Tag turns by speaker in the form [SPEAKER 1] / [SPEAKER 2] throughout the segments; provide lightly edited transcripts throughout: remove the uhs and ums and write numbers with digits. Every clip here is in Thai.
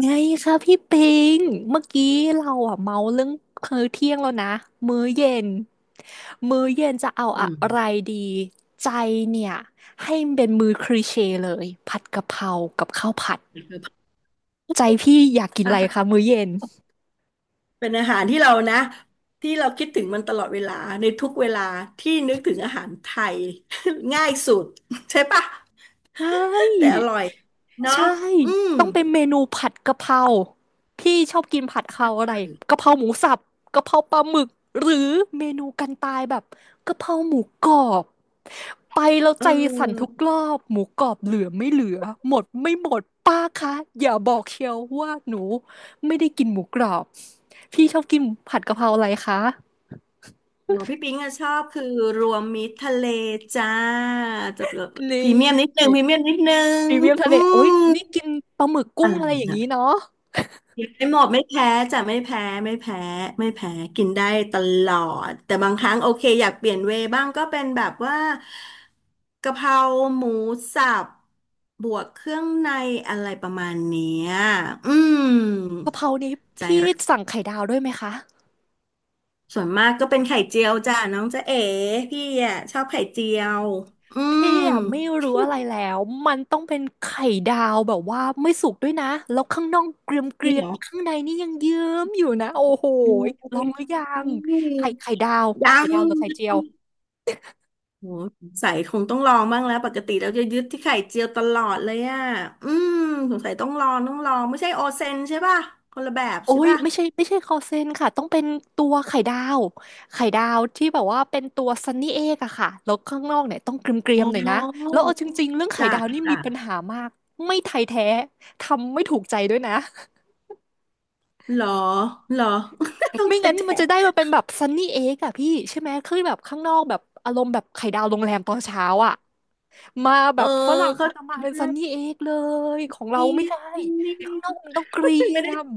[SPEAKER 1] ไงคะพี่ปิงเมื่อกี้เราอะเมาเรื่องมื้อเที่ยงแล้วนะ มื้อเย็น มื้อเย็นจะเอา
[SPEAKER 2] อื
[SPEAKER 1] อะ
[SPEAKER 2] ม
[SPEAKER 1] ไรดีใจเนี่ยให้มันเป็นมื้อคลีเช่เลยผัดกะเพรากับข้าวผัด
[SPEAKER 2] คือ
[SPEAKER 1] ใจพี่อยากกิน
[SPEAKER 2] อา
[SPEAKER 1] อะไร
[SPEAKER 2] หา
[SPEAKER 1] คะ
[SPEAKER 2] ร
[SPEAKER 1] มื้อเย็น
[SPEAKER 2] เป็นอาหารที่เรานะที่เราคิดถึงมันตลอดเวลาในทุกเวลาที่นึกถึงอาหารไทย ง่ายสุดใช่ปะ
[SPEAKER 1] ใช่
[SPEAKER 2] แต่อร่อยเนาะ
[SPEAKER 1] ใช่
[SPEAKER 2] อืม
[SPEAKER 1] ต้องเป็นเมนูผัดกะเพราพี่ชอบกินผัดกะเพราอะ
[SPEAKER 2] ใช
[SPEAKER 1] ไรกะ
[SPEAKER 2] ่
[SPEAKER 1] เพราหมูสับกะเพราปลาหมึกหรือเมนูกันตายแบบกะเพราหมูกรอบไปแล้ว
[SPEAKER 2] เอ
[SPEAKER 1] ใจสั่นทุ
[SPEAKER 2] อ
[SPEAKER 1] กรอบหมูกรอบเหลือไม่เหลือหมดไม่หมดป้าคะอย่าบอกเชียวว่าหนูไม่ได้กินหมูกรอบพี่ชอบกินผัดกะเพราอะไรคะ
[SPEAKER 2] หมอพี่ปิ๊งอะชอบคือรวมมิตรทะเลจ้าจะ
[SPEAKER 1] นี
[SPEAKER 2] พรีเมียมนิดนึ
[SPEAKER 1] ่
[SPEAKER 2] พรีเมียมนิดนึง
[SPEAKER 1] พรีเมียมทะ
[SPEAKER 2] อื
[SPEAKER 1] เลโอ๊ย
[SPEAKER 2] ม
[SPEAKER 1] นี่กินปลาหมึกกุ้
[SPEAKER 2] อะ
[SPEAKER 1] ง
[SPEAKER 2] ไร
[SPEAKER 1] อะไรอย่าง
[SPEAKER 2] นะ
[SPEAKER 1] นี้เนาะ
[SPEAKER 2] ไม่หมดไม่แพ้จะไม่แพ้ไม่แพ้กินได้ตลอดแต่บางครั้งโอเคอยากเปลี่ยนเวย์บ้างก็เป็นแบบว่ากะเพราหมูสับบวกเครื่องในอะไรประมาณเนี้ยอืม
[SPEAKER 1] กะเพรานี้
[SPEAKER 2] ใจ
[SPEAKER 1] พี่
[SPEAKER 2] รัก
[SPEAKER 1] สั่งไข่ดาวด้วยไหมคะ
[SPEAKER 2] ส่วนมากก็เป็นไข่เจียวจ้ะน้องจ๊ะเอ๋พี่อ่ะชอบไข่เจียวอืม
[SPEAKER 1] เอ๊ะไม่รู้อะไรแล้วมันต้องเป็นไข่ดาวแบบว่าไม่สุกด้วยนะแล้วข้างนอกเกรียมเก
[SPEAKER 2] จริ
[SPEAKER 1] รี
[SPEAKER 2] ง
[SPEAKER 1] ย
[SPEAKER 2] เห
[SPEAKER 1] ม
[SPEAKER 2] รอ
[SPEAKER 1] ข้างในนี่ยังเยิ้มอยู่นะโอ้โห
[SPEAKER 2] อื
[SPEAKER 1] ย
[SPEAKER 2] ม
[SPEAKER 1] ลองหรือยังไข่ไข่ดาว
[SPEAKER 2] ยั
[SPEAKER 1] ไข่
[SPEAKER 2] ง
[SPEAKER 1] ดาวหรือไข่เจียว
[SPEAKER 2] โหใส่คงต้องลองบ้างแล้วปกติเราจะยึดที่ไข่เจียวตลอดเลยอ่ะอืมสงสัยต้องลองไม่ใช่โอเซนใช่ป่ะคนละแบบ
[SPEAKER 1] โอ้
[SPEAKER 2] ใช่
[SPEAKER 1] ย
[SPEAKER 2] ป่ะ
[SPEAKER 1] ไม่ใช่ไม่ใช่คอเซนค่ะต้องเป็นตัวไข่ดาวไข่ดาวที่แบบว่าเป็นตัวซันนี่เอกอะค่ะแล้วข้างนอกเนี่ยต้องเกรียมเกรี
[SPEAKER 2] อ๋
[SPEAKER 1] มหน่อยนะ
[SPEAKER 2] อ
[SPEAKER 1] แล้วเอาจริงๆเรื่องไข่
[SPEAKER 2] จ้ะ
[SPEAKER 1] ดาวนี่มีปัญ
[SPEAKER 2] จ้ะ
[SPEAKER 1] หามากไม่ไทยแท้ทำไม่ถูกใจด้วยนะ
[SPEAKER 2] เหรอเหรอ ต้อง
[SPEAKER 1] ไม่
[SPEAKER 2] เค่
[SPEAKER 1] งั้น
[SPEAKER 2] แต
[SPEAKER 1] มันจะ
[SPEAKER 2] น
[SPEAKER 1] ได้มาเป็นแบบซันนี่เอ็กอะพี่ใช่ไหมคือแบบข้างนอกแบบอารมณ์แบบไข่ดาวโรงแรมตอนเช้าอะมาแบ
[SPEAKER 2] เออ
[SPEAKER 1] บฝรั่ง
[SPEAKER 2] เขา
[SPEAKER 1] เขาจะ
[SPEAKER 2] ใจ
[SPEAKER 1] มาเป็นซันนี่
[SPEAKER 2] ได้
[SPEAKER 1] เอ็กเลยของเรา
[SPEAKER 2] นี่
[SPEAKER 1] ไม่ใช่
[SPEAKER 2] นี่
[SPEAKER 1] ข้างนอกมันต้องเก
[SPEAKER 2] ไม
[SPEAKER 1] รี
[SPEAKER 2] ่
[SPEAKER 1] ย
[SPEAKER 2] ได้
[SPEAKER 1] ม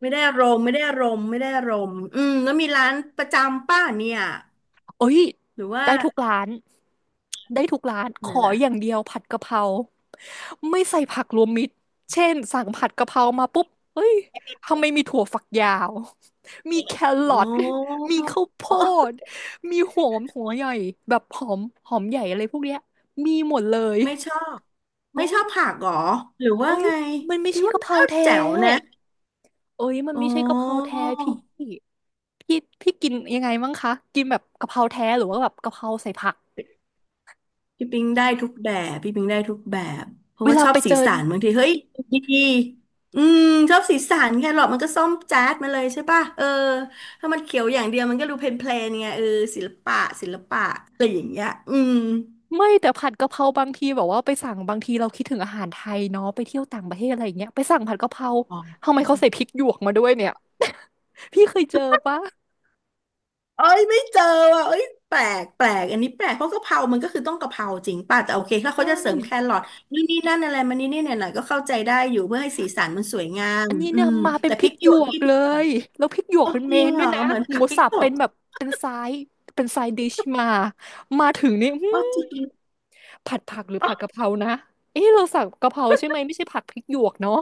[SPEAKER 2] ไม่ได้อารมณ์ไม่ได้อารมณ์อืมแล้วมีร้านประจำป้าเนี่ย
[SPEAKER 1] โอ้ย
[SPEAKER 2] หรือว่า
[SPEAKER 1] ได้ทุกร้านได้ทุกร้านข
[SPEAKER 2] เนี่ย
[SPEAKER 1] อ
[SPEAKER 2] นะ
[SPEAKER 1] อย่างเดียวผัดกะเพราไม่ใส่ผักรวมมิตรเช่นสั่งผัดกะเพรามาปุ๊บเฮ้ยทำไมมีถั่วฝักยาวมีแคร
[SPEAKER 2] อ๋อ
[SPEAKER 1] อทมีข้าวโพ
[SPEAKER 2] อ๋อ
[SPEAKER 1] ดมีหอมหัวใหญ่แบบหอมหอมใหญ่อะไรพวกเนี้ยมีหมดเลย
[SPEAKER 2] ไม่ชอบ
[SPEAKER 1] โอ้
[SPEAKER 2] ไม่ชอบ
[SPEAKER 1] ย
[SPEAKER 2] ผักเหรอหรือว่า
[SPEAKER 1] เอ้ย
[SPEAKER 2] ไง
[SPEAKER 1] มันไม่
[SPEAKER 2] พี่
[SPEAKER 1] ใช่
[SPEAKER 2] ว่า
[SPEAKER 1] กะ
[SPEAKER 2] มั
[SPEAKER 1] เพ
[SPEAKER 2] น
[SPEAKER 1] รา
[SPEAKER 2] ก็
[SPEAKER 1] แท้
[SPEAKER 2] แจ๋วนะ
[SPEAKER 1] เอ้ยมัน
[SPEAKER 2] อ๋อ
[SPEAKER 1] ไม่ใช่กะเพราแท้พี่พี่พี่กินยังไงมั้งคะกินแบบกะเพราแท้หรือว่าแบบกะเพราใส่ผัก
[SPEAKER 2] พี่ปิงได้ทุกแบบเพราะ
[SPEAKER 1] เว
[SPEAKER 2] ว่า
[SPEAKER 1] ลา
[SPEAKER 2] ชอบ
[SPEAKER 1] ไป
[SPEAKER 2] สี
[SPEAKER 1] เจอ
[SPEAKER 2] สันบางทีเฮ้ยดีอืมชอบสีสันแครอทมันก็ส้มจ๊าดมาเลยใช่ป่ะเออถ้ามันเขียวอย่างเดียวมันก็ดูเพลนๆไงเออศิลปะศิลปะอะไรอย่างเงี้ยอืม
[SPEAKER 1] ไม่แต่ผัดกะเพราบางทีแบบว่าไปสั่งบางทีเราคิดถึงอาหารไทยเนาะไปเที่ยวต่างประเทศอะไรอย่างเงี้ยไปสั่งผัดกะเพรา
[SPEAKER 2] อ๋อ
[SPEAKER 1] ทำไมเขาใส่พริกหยวกมาด้วยเนี่ย พี่เคยเจอปะ
[SPEAKER 2] เอ้ยไม่เจอว่ะเอ้ยแปลกอันนี้แปลกเพราะกะเพรามันก็คือต้องกะเพราจริงป่ะแต่โอเคถ้าเขา
[SPEAKER 1] ใช่
[SPEAKER 2] จะเสริมแครอทนี่นนี่นั่นอะไรมานนี่นี่หน่อยๆก็เข้าใจได้อยู่เพื่อให้สีสันมันสวยงาม
[SPEAKER 1] อันนี้
[SPEAKER 2] อื
[SPEAKER 1] เนี่ย
[SPEAKER 2] ม
[SPEAKER 1] มาเป็น
[SPEAKER 2] แต่
[SPEAKER 1] พ
[SPEAKER 2] พ
[SPEAKER 1] ริ
[SPEAKER 2] ริ
[SPEAKER 1] ก
[SPEAKER 2] กห
[SPEAKER 1] ห
[SPEAKER 2] ย
[SPEAKER 1] ย
[SPEAKER 2] วก
[SPEAKER 1] วก
[SPEAKER 2] นี่
[SPEAKER 1] เลยแล้วพริกหยวก
[SPEAKER 2] โอ้
[SPEAKER 1] เป็น
[SPEAKER 2] จ
[SPEAKER 1] เม
[SPEAKER 2] ริง
[SPEAKER 1] น
[SPEAKER 2] เห
[SPEAKER 1] ด้
[SPEAKER 2] ร
[SPEAKER 1] วย
[SPEAKER 2] อ
[SPEAKER 1] นะ
[SPEAKER 2] เหมือน
[SPEAKER 1] หมู
[SPEAKER 2] ผักพริก
[SPEAKER 1] สับ
[SPEAKER 2] ส
[SPEAKER 1] เป็
[SPEAKER 2] ด
[SPEAKER 1] นแบบเป็นไซส์เป็นไซส์ดิชมามาถึงนี่อื้
[SPEAKER 2] อ๋อจ
[SPEAKER 1] อ
[SPEAKER 2] ริง
[SPEAKER 1] ผัดผักหรือ
[SPEAKER 2] อ๋
[SPEAKER 1] ผัดกะ
[SPEAKER 2] อ
[SPEAKER 1] เพรานะเอ๊ะเราสั่งกะเพราใช่ไหมไม่ใช่ผัดพริกหยวกเนาะ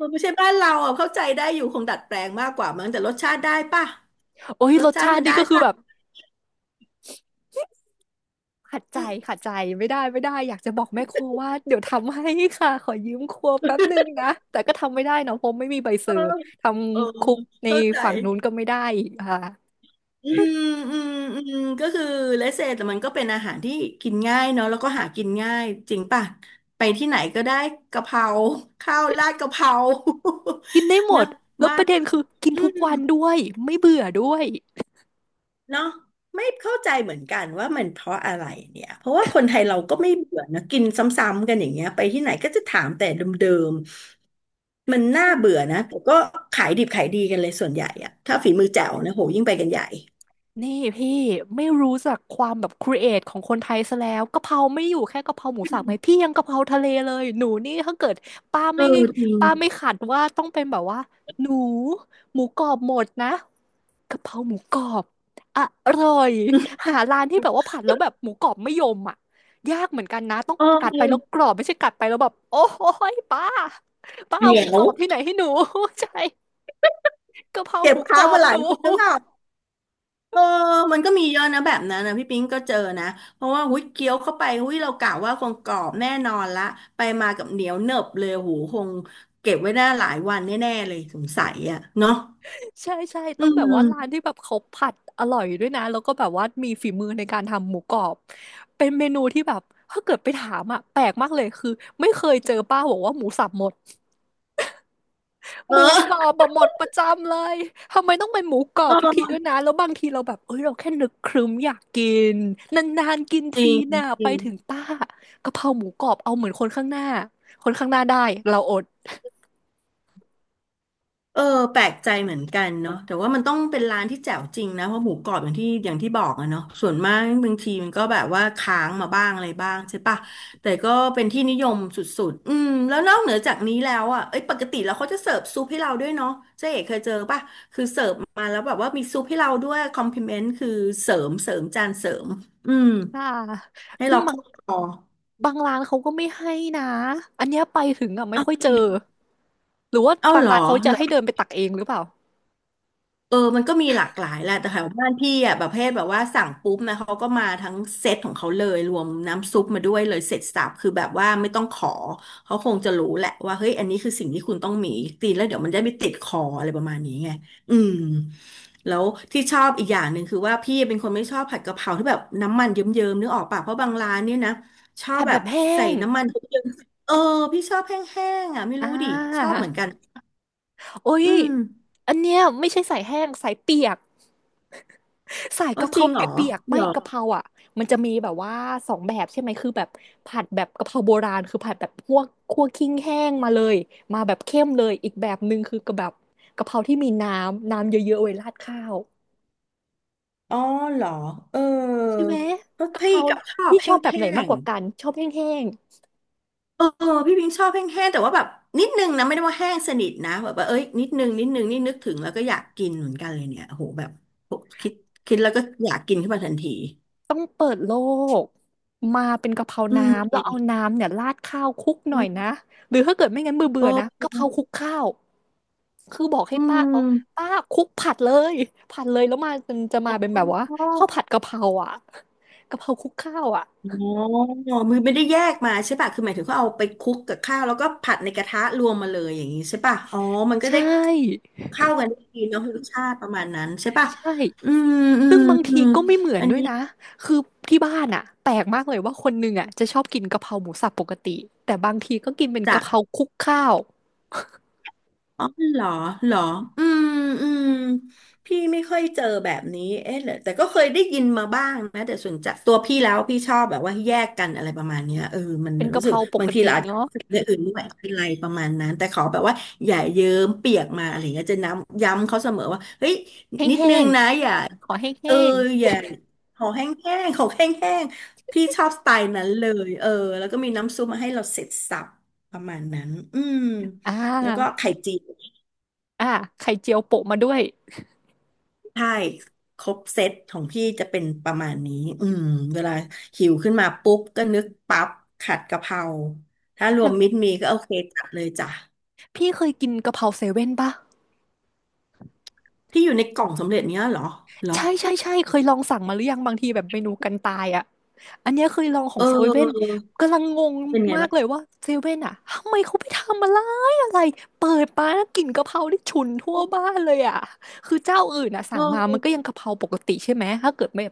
[SPEAKER 2] มันไม่ใช่บ้านเราอ่ะเข้าใจได้อยู่คงดัดแปลงมากกว่ามั้งแต่รสชาติได้ป่ะ
[SPEAKER 1] โอ้ย
[SPEAKER 2] ร
[SPEAKER 1] ร
[SPEAKER 2] ส
[SPEAKER 1] ส
[SPEAKER 2] ชา
[SPEAKER 1] ชา
[SPEAKER 2] ติมั
[SPEAKER 1] ติ
[SPEAKER 2] น
[SPEAKER 1] นี่
[SPEAKER 2] ได้
[SPEAKER 1] ก็คือ
[SPEAKER 2] ป่ะ
[SPEAKER 1] แบบ ขัดใจ
[SPEAKER 2] อืม
[SPEAKER 1] ขัดใจไม่ได้ไม่ได้อยากจะบอกแม่ครัวว่าเดี๋ยวทำให้ค่ะขอยืมครัวแป๊บนึงนะแต่ก็ทำไม่ได้เนาะเพราะไม่มีใบเซ
[SPEAKER 2] เอ
[SPEAKER 1] อ
[SPEAKER 2] อ
[SPEAKER 1] ร์ท
[SPEAKER 2] เออ
[SPEAKER 1] ำคุกใน
[SPEAKER 2] เข้าใจ
[SPEAKER 1] ฝั่งนู้นก็ไม่ได้อีกค่ะ
[SPEAKER 2] อืมอืมอืมก็คือเลสเซแต่มันก็เป็นอาหารที่กินง่ายเนาะแล้วก็หากินง่ายจริงป่ะไปที่ไหนก็ได้กะเพราข้าวราดกะเพรา
[SPEAKER 1] กินได้หม
[SPEAKER 2] นะ
[SPEAKER 1] ดแล้ว
[SPEAKER 2] บ้า
[SPEAKER 1] ป
[SPEAKER 2] น
[SPEAKER 1] ระเด็นคือกิน
[SPEAKER 2] อื
[SPEAKER 1] ทุกวัน
[SPEAKER 2] ม
[SPEAKER 1] ด้วยไม่เบื่อด้วย
[SPEAKER 2] เนาะไม่เข้าใจเหมือนกันว่ามันเพราะอะไรเนี่ยเพราะว่าคนไทยเราก็ไม่เบื่อนะกินซ้ำๆกันอย่างเงี้ยไปที่ไหนก็จะถามแต่เดิมๆมันน่าเบื่อนะแต่ก็ขายดิบขายดีกันเลยส่วนใหญ่อะถ้าฝีมือแจ๋วนะโหยิ่งไปกันใหญ่
[SPEAKER 1] นี่พี่ไม่รู้จักความแบบครีเอทของคนไทยซะแล้วกะเพราไม่อยู่แค่กะเพราหมู
[SPEAKER 2] อื
[SPEAKER 1] สับไหม
[SPEAKER 2] ม
[SPEAKER 1] พี่ยังกะเพราทะเลเลยหนูนี่ถ้าเกิดป้า
[SPEAKER 2] เออ
[SPEAKER 1] ไม่
[SPEAKER 2] จริง
[SPEAKER 1] ป้าไม่ขัดว่าต้องเป็นแบบว่าหนูหมูกรอบหมดนะ กะเพราหมูกรอบอร่อยหา ร้านที่แบบว่าผัดแล้วแบบหมูกรอบไม่ยมอ่ะยากเหมือนกันนะต้อง
[SPEAKER 2] เออ
[SPEAKER 1] กัด
[SPEAKER 2] เดี
[SPEAKER 1] ไปแล้วกรอบไม่ใช่กัดไปแล้วแบบโอ้ยป้า
[SPEAKER 2] ๋
[SPEAKER 1] เอา
[SPEAKER 2] ย
[SPEAKER 1] หมู
[SPEAKER 2] ว
[SPEAKER 1] กรอบที่ไหนให้หนู ใช่กะเพรา
[SPEAKER 2] เก็
[SPEAKER 1] ห
[SPEAKER 2] บ
[SPEAKER 1] มูก
[SPEAKER 2] ค้า
[SPEAKER 1] ร
[SPEAKER 2] ง
[SPEAKER 1] อ
[SPEAKER 2] มา
[SPEAKER 1] บ
[SPEAKER 2] ห
[SPEAKER 1] ห
[SPEAKER 2] ลาย
[SPEAKER 1] นู
[SPEAKER 2] วันแล้วแบบเออมันก็มีเยอะนะแบบนั้นนะพี่ปิ๊งก็เจอนะเพราะว่าหุ้ยเคี้ยวเข้าไปหุ้ยเรากะว่าคงกรอบแน่นอนละไปมากับเหนียวเนนบเลยโหูคงเก็บไว้ได้หลายวันแน่ๆเลยสงสัยอ่ะเนาะ
[SPEAKER 1] ใช่ใช่
[SPEAKER 2] อื
[SPEAKER 1] ต้องแบบว่าร้าน
[SPEAKER 2] ม
[SPEAKER 1] ที่แบบเขาผัดอร่อยด้วยนะแล้วก็แบบว่ามีฝีมือในการทำหมูกรอบเป็นเมนูที่แบบถ้าเกิดไปถามอ่ะแปลกมากเลยคือไม่เคยเจอป้าบอกว่าหมูสับหมด ห
[SPEAKER 2] เอ
[SPEAKER 1] มูกรอ
[SPEAKER 2] อ
[SPEAKER 1] บแบบหมดประจำเลย ทำไมต้องเป็นหมูกรอ
[SPEAKER 2] เอ
[SPEAKER 1] บทุกทีด้วย
[SPEAKER 2] อ
[SPEAKER 1] นะ แล้วบางทีเราแบบเอ้ย เราแค่นึกครึ้มอยากกินนานๆกิน
[SPEAKER 2] จริ
[SPEAKER 1] ที
[SPEAKER 2] ง
[SPEAKER 1] น่ะ
[SPEAKER 2] จ
[SPEAKER 1] ไป
[SPEAKER 2] ริง
[SPEAKER 1] ถึงป้ากะเพราหมูกรอบเอาเหมือนคนข้างหน้าคนข้างหน้าได้เราอด
[SPEAKER 2] เออแปลกใจเหมือนกันเนาะแต่ว่ามันต้องเป็นร้านที่แจ๋วจริงนะเพราะหมูกรอบอย่างที่บอกอะเนาะส่วนมากบางทีมันก็แบบว่าค้างมาบ้างอะไรบ้างใช่ปะแต่ก็เป็นที่นิยมสุดๆอืมแล้วนอกเหนือจากนี้แล้วอะเอ้ยปกติแล้วเขาจะเสิร์ฟซุปให้เราด้วยเนาะเจ๊เอกเคยเจอปะคือเสิร์ฟมาแล้วแบบว่ามีซุปให้เราด้วยคอมพลเมนต์คือเสริมจานเสริมอืม
[SPEAKER 1] ค่ะ
[SPEAKER 2] ให้
[SPEAKER 1] ซึ่
[SPEAKER 2] เรา
[SPEAKER 1] งบาง
[SPEAKER 2] เข้าคอ
[SPEAKER 1] บางร้านเขาก็ไม่ให้นะอันเนี้ยไปถึงอ่ะไม่
[SPEAKER 2] อ้าว
[SPEAKER 1] ค่อยเจ
[SPEAKER 2] จ
[SPEAKER 1] อ
[SPEAKER 2] ริง
[SPEAKER 1] หรือว่า
[SPEAKER 2] เอา
[SPEAKER 1] บาง
[SPEAKER 2] เหรอ
[SPEAKER 1] ร้านเขาจะให้เดินไปตักเองหรือเปล่า
[SPEAKER 2] เออมันก็มีหลากหลายแหละแต่แถวบ้านพี่อ่ะแบบประเภทแบบว่าสั่งปุ๊บนะเขาก็มาทั้งเซตของเขาเลยรวมน้ำซุปมาด้วยเลยเสร็จสรรพคือแบบว่าไม่ต้องขอเขาคงจะรู้แหละว่าเฮ้ยอันนี้คือสิ่งที่คุณต้องมีตีแล้วเดี๋ยวมันจะไม่ติดคออะไรประมาณนี้ไงอืมแล้วที่ชอบอีกอย่างหนึ่งคือว่าพี่เป็นคนไม่ชอบผัดกะเพราที่แบบน้ำมันเยิ้มๆนึกออกปะเพราะบางร้านเนี่ยนะชอบ
[SPEAKER 1] ผัด
[SPEAKER 2] แบ
[SPEAKER 1] แบ
[SPEAKER 2] บ
[SPEAKER 1] บแห้
[SPEAKER 2] ใส่
[SPEAKER 1] ง
[SPEAKER 2] น้ำมันเยิ้มๆเออพี่ชอบแห้งๆอ่ะไม่
[SPEAKER 1] อ่า
[SPEAKER 2] รู้ดิชอบเหมือนกัน
[SPEAKER 1] โอ้ย
[SPEAKER 2] อืม
[SPEAKER 1] อันเนี้ยไม่ใช่ใส่แห้งใส่เปียก สาย
[SPEAKER 2] อ๋อ
[SPEAKER 1] กะเพ
[SPEAKER 2] จ
[SPEAKER 1] รา
[SPEAKER 2] ริง
[SPEAKER 1] เ
[SPEAKER 2] เหรอ
[SPEAKER 1] ปียกๆ
[SPEAKER 2] เห
[SPEAKER 1] ไม่
[SPEAKER 2] รอ
[SPEAKER 1] กะเพราอ่ะมันจะมีแบบว่าสองแบบใช่ไหมคือแบบผัดแบบกะเพราโบราณคือผัดแบบคัวกคั่วขิ้งแห้งมาเลยมาแบบเข้มเลยอีกแบบหนึ่งคือกะแบบกะเพราที่มีน้ำน้ำเยอะๆไว้ราดข้าว
[SPEAKER 2] อ๋อเหรอเออ
[SPEAKER 1] ใช่ไหม
[SPEAKER 2] เพ
[SPEAKER 1] กะเพ
[SPEAKER 2] พี่
[SPEAKER 1] รา
[SPEAKER 2] กับชอบ
[SPEAKER 1] ที่ชอ
[SPEAKER 2] แห้
[SPEAKER 1] บแบบไหนมาก
[SPEAKER 2] ง
[SPEAKER 1] กว่ากันชอบแห้ง
[SPEAKER 2] ๆเออพี่พิงชอบแห้งๆแต่ว่าแบบนิดนึงนะไม่ได้ว่าแห้งสนิทนะแบบว่าเอ้ยนิดนึงนิดนึงนี่นึกถึงแล้วก็อยากกินเหมือนกันเลยเนี่ยโอ้โหแบบคิดคิดแล้วก็อยากกินขึ้นมาทันที
[SPEAKER 1] ต้องเปิดโลกมาเป็นกะเพรา
[SPEAKER 2] อืม
[SPEAKER 1] น้ำแล้วเอาน้ำเนี่ยราดข้าวคลุกหน่อยนะหรือถ้าเกิดไม่งั้นเบื่อ
[SPEAKER 2] โอ
[SPEAKER 1] เบื่อนะกะเพรา
[SPEAKER 2] ้
[SPEAKER 1] คลุกข้าวคือบอกให้
[SPEAKER 2] อื
[SPEAKER 1] ป้า
[SPEAKER 2] ม
[SPEAKER 1] เขาป้าคลุกผัดเลยผัดเลยแล้วมามันจะมาเป็นแบบว่าข้าวผัดกะเพราอ่ะกะเพราคลุกข้าวอ่ะ
[SPEAKER 2] อ๋อมือไม่ได้แยกมาใช่ป่ะ คือหมายถึงเขาเอาไปคลุกกับข้าวแล้วก็ผัดในกระทะรวมมาเลยอย่างนี้ใช่ป่ะ อ๋อมันก็
[SPEAKER 1] ใช
[SPEAKER 2] ได้
[SPEAKER 1] ่
[SPEAKER 2] เข้ากันได้ดีเนาะรสชาติประมาณนั้นใช่ป่ะ
[SPEAKER 1] ใช่
[SPEAKER 2] อืมอื
[SPEAKER 1] ซึ่
[SPEAKER 2] ม
[SPEAKER 1] งบาง
[SPEAKER 2] อื
[SPEAKER 1] ที
[SPEAKER 2] ม
[SPEAKER 1] ก็ไม่เหมือน
[SPEAKER 2] อัน
[SPEAKER 1] ด้วย
[SPEAKER 2] นี้
[SPEAKER 1] นะคือที่บ้านอ่ะแปลกมากเลยว่าคนหนึ่งอ่ะจะชอบกินกะเพราหมูสับปกติแต่บางทีก็กินเป็น
[SPEAKER 2] จา
[SPEAKER 1] กะเพ
[SPEAKER 2] ก
[SPEAKER 1] ราคลุกข้าว
[SPEAKER 2] อ๋อเหรอเหรออืมอืมพี่ไม่ค่อยเจอแบบนี้เอ๊ะเหรอแต่ก็เคยได้ยินมาบ้างนะแต่ส่วนจะตัวพี่แล้วพี่ชอบแบบว่าแยกกันอะไรประมาณเนี้ยเออมัน
[SPEAKER 1] เป็
[SPEAKER 2] มั
[SPEAKER 1] น
[SPEAKER 2] น
[SPEAKER 1] กะ
[SPEAKER 2] รู้
[SPEAKER 1] เพ
[SPEAKER 2] สึก
[SPEAKER 1] ราป
[SPEAKER 2] บา
[SPEAKER 1] ก
[SPEAKER 2] งที
[SPEAKER 1] ติ
[SPEAKER 2] เราอาจจะ
[SPEAKER 1] เนาะ
[SPEAKER 2] รู้สึกเร่องอื่นด้วยอะไรประมาณนั้นแต่ขอแบบว่าอย่าเยิ้มเปียกมาอะไรเงี้ยจะน้ำย้ำเขาเสมอว่าเฮ้ย
[SPEAKER 1] แ
[SPEAKER 2] นิด
[SPEAKER 1] ห้
[SPEAKER 2] นึง
[SPEAKER 1] ง
[SPEAKER 2] นะอย่า
[SPEAKER 1] ๆขอแห
[SPEAKER 2] เอ
[SPEAKER 1] ้
[SPEAKER 2] อ
[SPEAKER 1] ง
[SPEAKER 2] อย่าขอแห้งๆขอแห้งๆพี่ชอบสไตล์นั้นเลยเออแล้วก็มีน้ำซุปมาให้เราเสร็จสับประมาณนั้นอืม
[SPEAKER 1] ๆอ่า
[SPEAKER 2] แล้วก็ไข่เจียว
[SPEAKER 1] อ่า ไข่เจียวโปะมาด้วย
[SPEAKER 2] ใช่ครบเซตของพี่จะเป็นประมาณนี้อืมเวลาหิวขึ้นมาปุ๊บก็นึกปั๊บขัดกะเพราถ้ารวมมิตร
[SPEAKER 1] แต่
[SPEAKER 2] มีก็โอเคจัดเลยจ้ะ
[SPEAKER 1] พี่เคยกินกะเพราเซเว่นปะ
[SPEAKER 2] ที่อยู่ในกล่องสำเร็จเนี้ยเหรอเหรอ
[SPEAKER 1] ใช่ใช่ใช่เคยลองสั่งมาหรือยังบางทีแบบเมนูกันตายอ่ะ อันเนี้ยเคยลองขอ
[SPEAKER 2] เอ
[SPEAKER 1] งเซเว่น
[SPEAKER 2] อ
[SPEAKER 1] กำลังงง
[SPEAKER 2] เป็นไง
[SPEAKER 1] มาก
[SPEAKER 2] บ้าง
[SPEAKER 1] เลยว่าเซเว่นอะทำไมเขาไปทำอะไรอะไรเปิดมาแล้วกลิ่นกะเพราที่ฉุนทั่วบ้านเลยอะคือเจ้าอื่นอะ
[SPEAKER 2] เอ
[SPEAKER 1] สั่งมามันก็
[SPEAKER 2] อ
[SPEAKER 1] ยังกะเพราปกติใช่ไหมถ้าเกิดไม่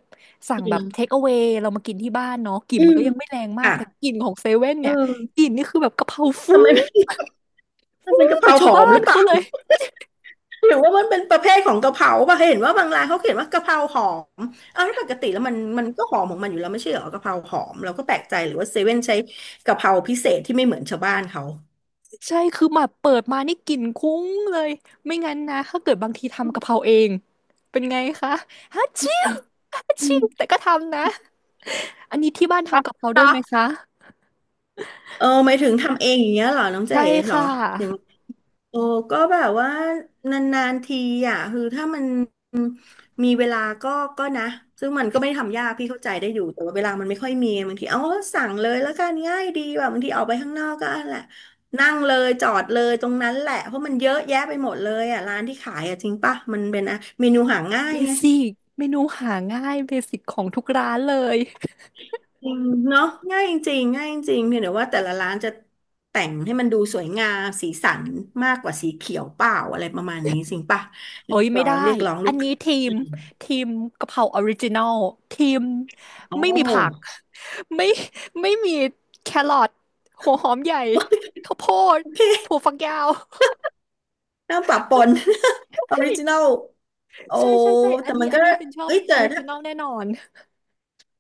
[SPEAKER 1] สั่ง
[SPEAKER 2] จริ
[SPEAKER 1] แบบเท
[SPEAKER 2] ง
[SPEAKER 1] คเอา a y เรามากินที่บ้านเนาะกลิ่น
[SPEAKER 2] อื
[SPEAKER 1] มัน
[SPEAKER 2] ม
[SPEAKER 1] ก็ยังไม่แรงมาก
[SPEAKER 2] ค่ะ
[SPEAKER 1] แต่กลิ่นของเซเว่น
[SPEAKER 2] เอ
[SPEAKER 1] เนี่ยก
[SPEAKER 2] อ
[SPEAKER 1] ลิ่นนี่คือแบบกะเพราฟุ้
[SPEAKER 2] ทำไม
[SPEAKER 1] ง
[SPEAKER 2] ไม่ มันเป็นกะเพ
[SPEAKER 1] ก
[SPEAKER 2] รา
[SPEAKER 1] ว่า
[SPEAKER 2] ห
[SPEAKER 1] ชาว
[SPEAKER 2] อม
[SPEAKER 1] บ้า
[SPEAKER 2] หรื
[SPEAKER 1] น
[SPEAKER 2] อเป
[SPEAKER 1] เขา
[SPEAKER 2] ล่า
[SPEAKER 1] เลย
[SPEAKER 2] หรือว่ามันเป็นประเภทของกะเพราป่ะเห็นว่าบางร้านเขาเขียนว่ากะเพราหอมอ้าวแล้วปกติแล้วมันก็หอมของมันอยู่แล้วไม่ใช่เหรอกะเพราหอมเราก็แปลกใจหรือว่าเซเว่นใช้กะเพราพิเศษที่ไม่เหมือนชาวบ้านเขา
[SPEAKER 1] ใช่ คือแบบเปิดมานี่กลิ่นคุ้งเลย ไม่งั้นนะ ถ้าเกิดบางทีทำกะเพราเอง เป็นไงคะฮัชชิวฮัช
[SPEAKER 2] อื
[SPEAKER 1] ชิว
[SPEAKER 2] ม
[SPEAKER 1] แต่ก็ทำนะ อันนี้ที่บ้าน
[SPEAKER 2] ครั
[SPEAKER 1] ทำ
[SPEAKER 2] บ
[SPEAKER 1] กะเพราด้วย
[SPEAKER 2] เนาะ
[SPEAKER 1] ไหมคะ
[SPEAKER 2] เออหมายถึงทำเองอย่างเงี้ยเหรอน้องเจ๋
[SPEAKER 1] ใช่
[SPEAKER 2] เหรอ
[SPEAKER 1] ค่ะ
[SPEAKER 2] ยัง โอ้ก็แบบว่านานๆทีอ่ะคือถ้ามันมีเวลาก็ก็นะซึ่งมันก็ไม่ได้ทำยากพี่เข้าใจได้อยู่แต่ว่าเวลามันไม่ค่อยมีบางทีเอาสั่งเลยแล้วกันง่ายดีแบบบางทีออกไปข้างนอกก็นั่นแหละนั่งเลยจอดเลยตรงนั้นแหละเพราะมันเยอะแยะไปหมดเลยอ่ะร้านที่ขายอ่ะจริงป่ะมันเป็นอะเมนูหาง่า
[SPEAKER 1] เบ
[SPEAKER 2] ยไง
[SPEAKER 1] สิกเมนูหาง่ายเบสิกของทุกร้านเลย
[SPEAKER 2] จริงเนาะง่ายจริงๆง่ายจริงเพียงแต่ว่าแต่ละร้านจะแต่งให้มันดูสวยงามสีสันมากกว่าสีเขียวเปล่าอะไรประมาณนี้จริงป่ะเรี
[SPEAKER 1] โอ้
[SPEAKER 2] ยก
[SPEAKER 1] ยไม่
[SPEAKER 2] ร้อ
[SPEAKER 1] ได้
[SPEAKER 2] งเรียกร้องลู
[SPEAKER 1] อัน
[SPEAKER 2] ก
[SPEAKER 1] นี้
[SPEAKER 2] ค้า
[SPEAKER 1] ทีม
[SPEAKER 2] อืม
[SPEAKER 1] ทีมกะเพราออริจินอลทีม
[SPEAKER 2] โอ้
[SPEAKER 1] ไม่มีผัก ไม่ ไม่มีแครอทหัวหอมใหญ่ข้าวโพด
[SPEAKER 2] โอเค
[SPEAKER 1] ถั่วฝักยาว
[SPEAKER 2] น้ำปะปน ออ
[SPEAKER 1] เฮ้
[SPEAKER 2] ริ
[SPEAKER 1] ย
[SPEAKER 2] จินอลโอ้
[SPEAKER 1] ใช่ใช่ใช่อั
[SPEAKER 2] แต่
[SPEAKER 1] นนี้
[SPEAKER 2] มัน
[SPEAKER 1] อั
[SPEAKER 2] ก็
[SPEAKER 1] นนี้เป็นชอบ
[SPEAKER 2] เอ้ย
[SPEAKER 1] อ
[SPEAKER 2] แต่
[SPEAKER 1] อริจิ
[SPEAKER 2] ถ้า
[SPEAKER 1] นอลแน่นอน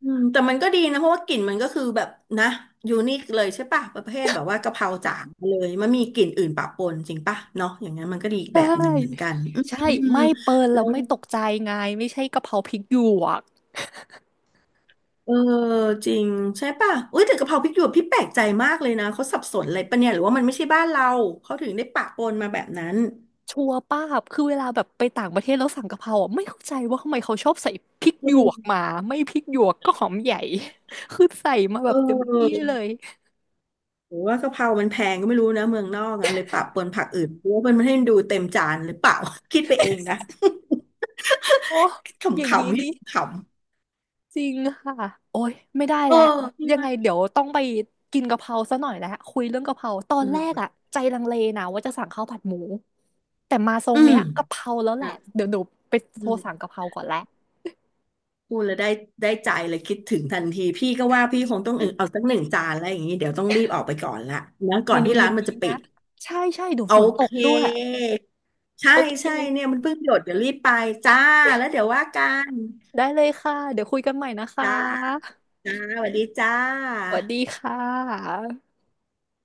[SPEAKER 2] อืมแต่มันก็ดีนะเพราะว่ากลิ่นมันก็คือแบบนะยูนิคเลยใช่ป่ะประเภทแบบว่ากะเพราจางเลยมันมีกลิ่นอื่นปะปนจริงป่ะเนาะอย่างนั้นมันก็ดีอี ก
[SPEAKER 1] ใช
[SPEAKER 2] แบบหนึ่งเหมือน
[SPEAKER 1] ่
[SPEAKER 2] กัน
[SPEAKER 1] ใช่
[SPEAKER 2] อืม
[SPEAKER 1] ไม่เปิดแล้วไม่ตกใจไงไม่ใช่กะเพราพริกหยวก
[SPEAKER 2] เออจริงใช่ป่ะอุ้ยแต่กะเพราพริกหยวกพี่แปลกใจมากเลยนะเขาสับสนอะไรปะเนี่ยหรือว่ามันไม่ใช่บ้านเราเขาถึงได้ปะปนมาแบบนั้น
[SPEAKER 1] ชัวร์ป้าบคือเวลาแบบไปต่างประเทศแล้วสั่งกะเพราอ่ะไม่เข้าใจว่าทำไมเขาชอบใส่พริก
[SPEAKER 2] อื
[SPEAKER 1] หยวก
[SPEAKER 2] ม
[SPEAKER 1] มาไม่พริกหยวกก็หอมใหญ่ คือใส่มาแบ
[SPEAKER 2] เ
[SPEAKER 1] บเต็มที่
[SPEAKER 2] ออ
[SPEAKER 1] เลย
[SPEAKER 2] หรือว่ากะเพรามันแพงก็ไม่รู้นะเมืองนอกอะเลยปะปนผักอื่นเพราะว่ามันไม่ให้ดูเต็มจานหรือเปล่า คิดไปเองนะ
[SPEAKER 1] โอ้อ ย่างนี้
[SPEAKER 2] ขำๆพี่
[SPEAKER 1] นี่
[SPEAKER 2] ขำ
[SPEAKER 1] จริงค่ะโอ้ยไม่ได้
[SPEAKER 2] ๆเออ
[SPEAKER 1] แล้ว
[SPEAKER 2] พี่
[SPEAKER 1] ยัง
[SPEAKER 2] ว่า
[SPEAKER 1] ไงเดี๋ยวต้องไปกินกะเพราซะหน่อยแล้วคุยเรื่องกะเพราตอนแรก
[SPEAKER 2] เออ
[SPEAKER 1] อะใจลังเลนะว่าจะสั่งข้าวผัดหมูแต่มาทร
[SPEAKER 2] อื
[SPEAKER 1] ง
[SPEAKER 2] ม
[SPEAKER 1] เนี้ยกะเพราแล้วแหละ
[SPEAKER 2] นะ
[SPEAKER 1] เดี๋ยวหนูไป
[SPEAKER 2] อื
[SPEAKER 1] โทร
[SPEAKER 2] ม
[SPEAKER 1] สั่งกะเพราก่อนแหละ
[SPEAKER 2] พูดแล้วได้ได้ใจเลยคิดถึงทันทีพี่ก็ว่าพี่คงต้องเออเอาสักหนึ่งจานอะไรอย่างนี้เดี๋ยวต้องรีบออกไปก่อนละนะ
[SPEAKER 1] เม
[SPEAKER 2] ก่อน
[SPEAKER 1] นู
[SPEAKER 2] ที่
[SPEAKER 1] เย็
[SPEAKER 2] ร้าน
[SPEAKER 1] น
[SPEAKER 2] มัน
[SPEAKER 1] นี้
[SPEAKER 2] จะปิ
[SPEAKER 1] นะ
[SPEAKER 2] ด
[SPEAKER 1] ใช่ใช่เดี๋ยว
[SPEAKER 2] โอ
[SPEAKER 1] ฝนต
[SPEAKER 2] เค
[SPEAKER 1] กด้วย
[SPEAKER 2] ใช่
[SPEAKER 1] โอเค
[SPEAKER 2] ใช่เนี่ยมันเพิ่งหยดเดี๋ยวรีบไปจ้าแล้วเดี๋ยวว่ากัน
[SPEAKER 1] ได้เลยค่ะเดี๋ยวคุยกันใหม่นะค
[SPEAKER 2] จ้า
[SPEAKER 1] ะ
[SPEAKER 2] จ้าสวัสดีจ้า
[SPEAKER 1] สวัสดีค่ะ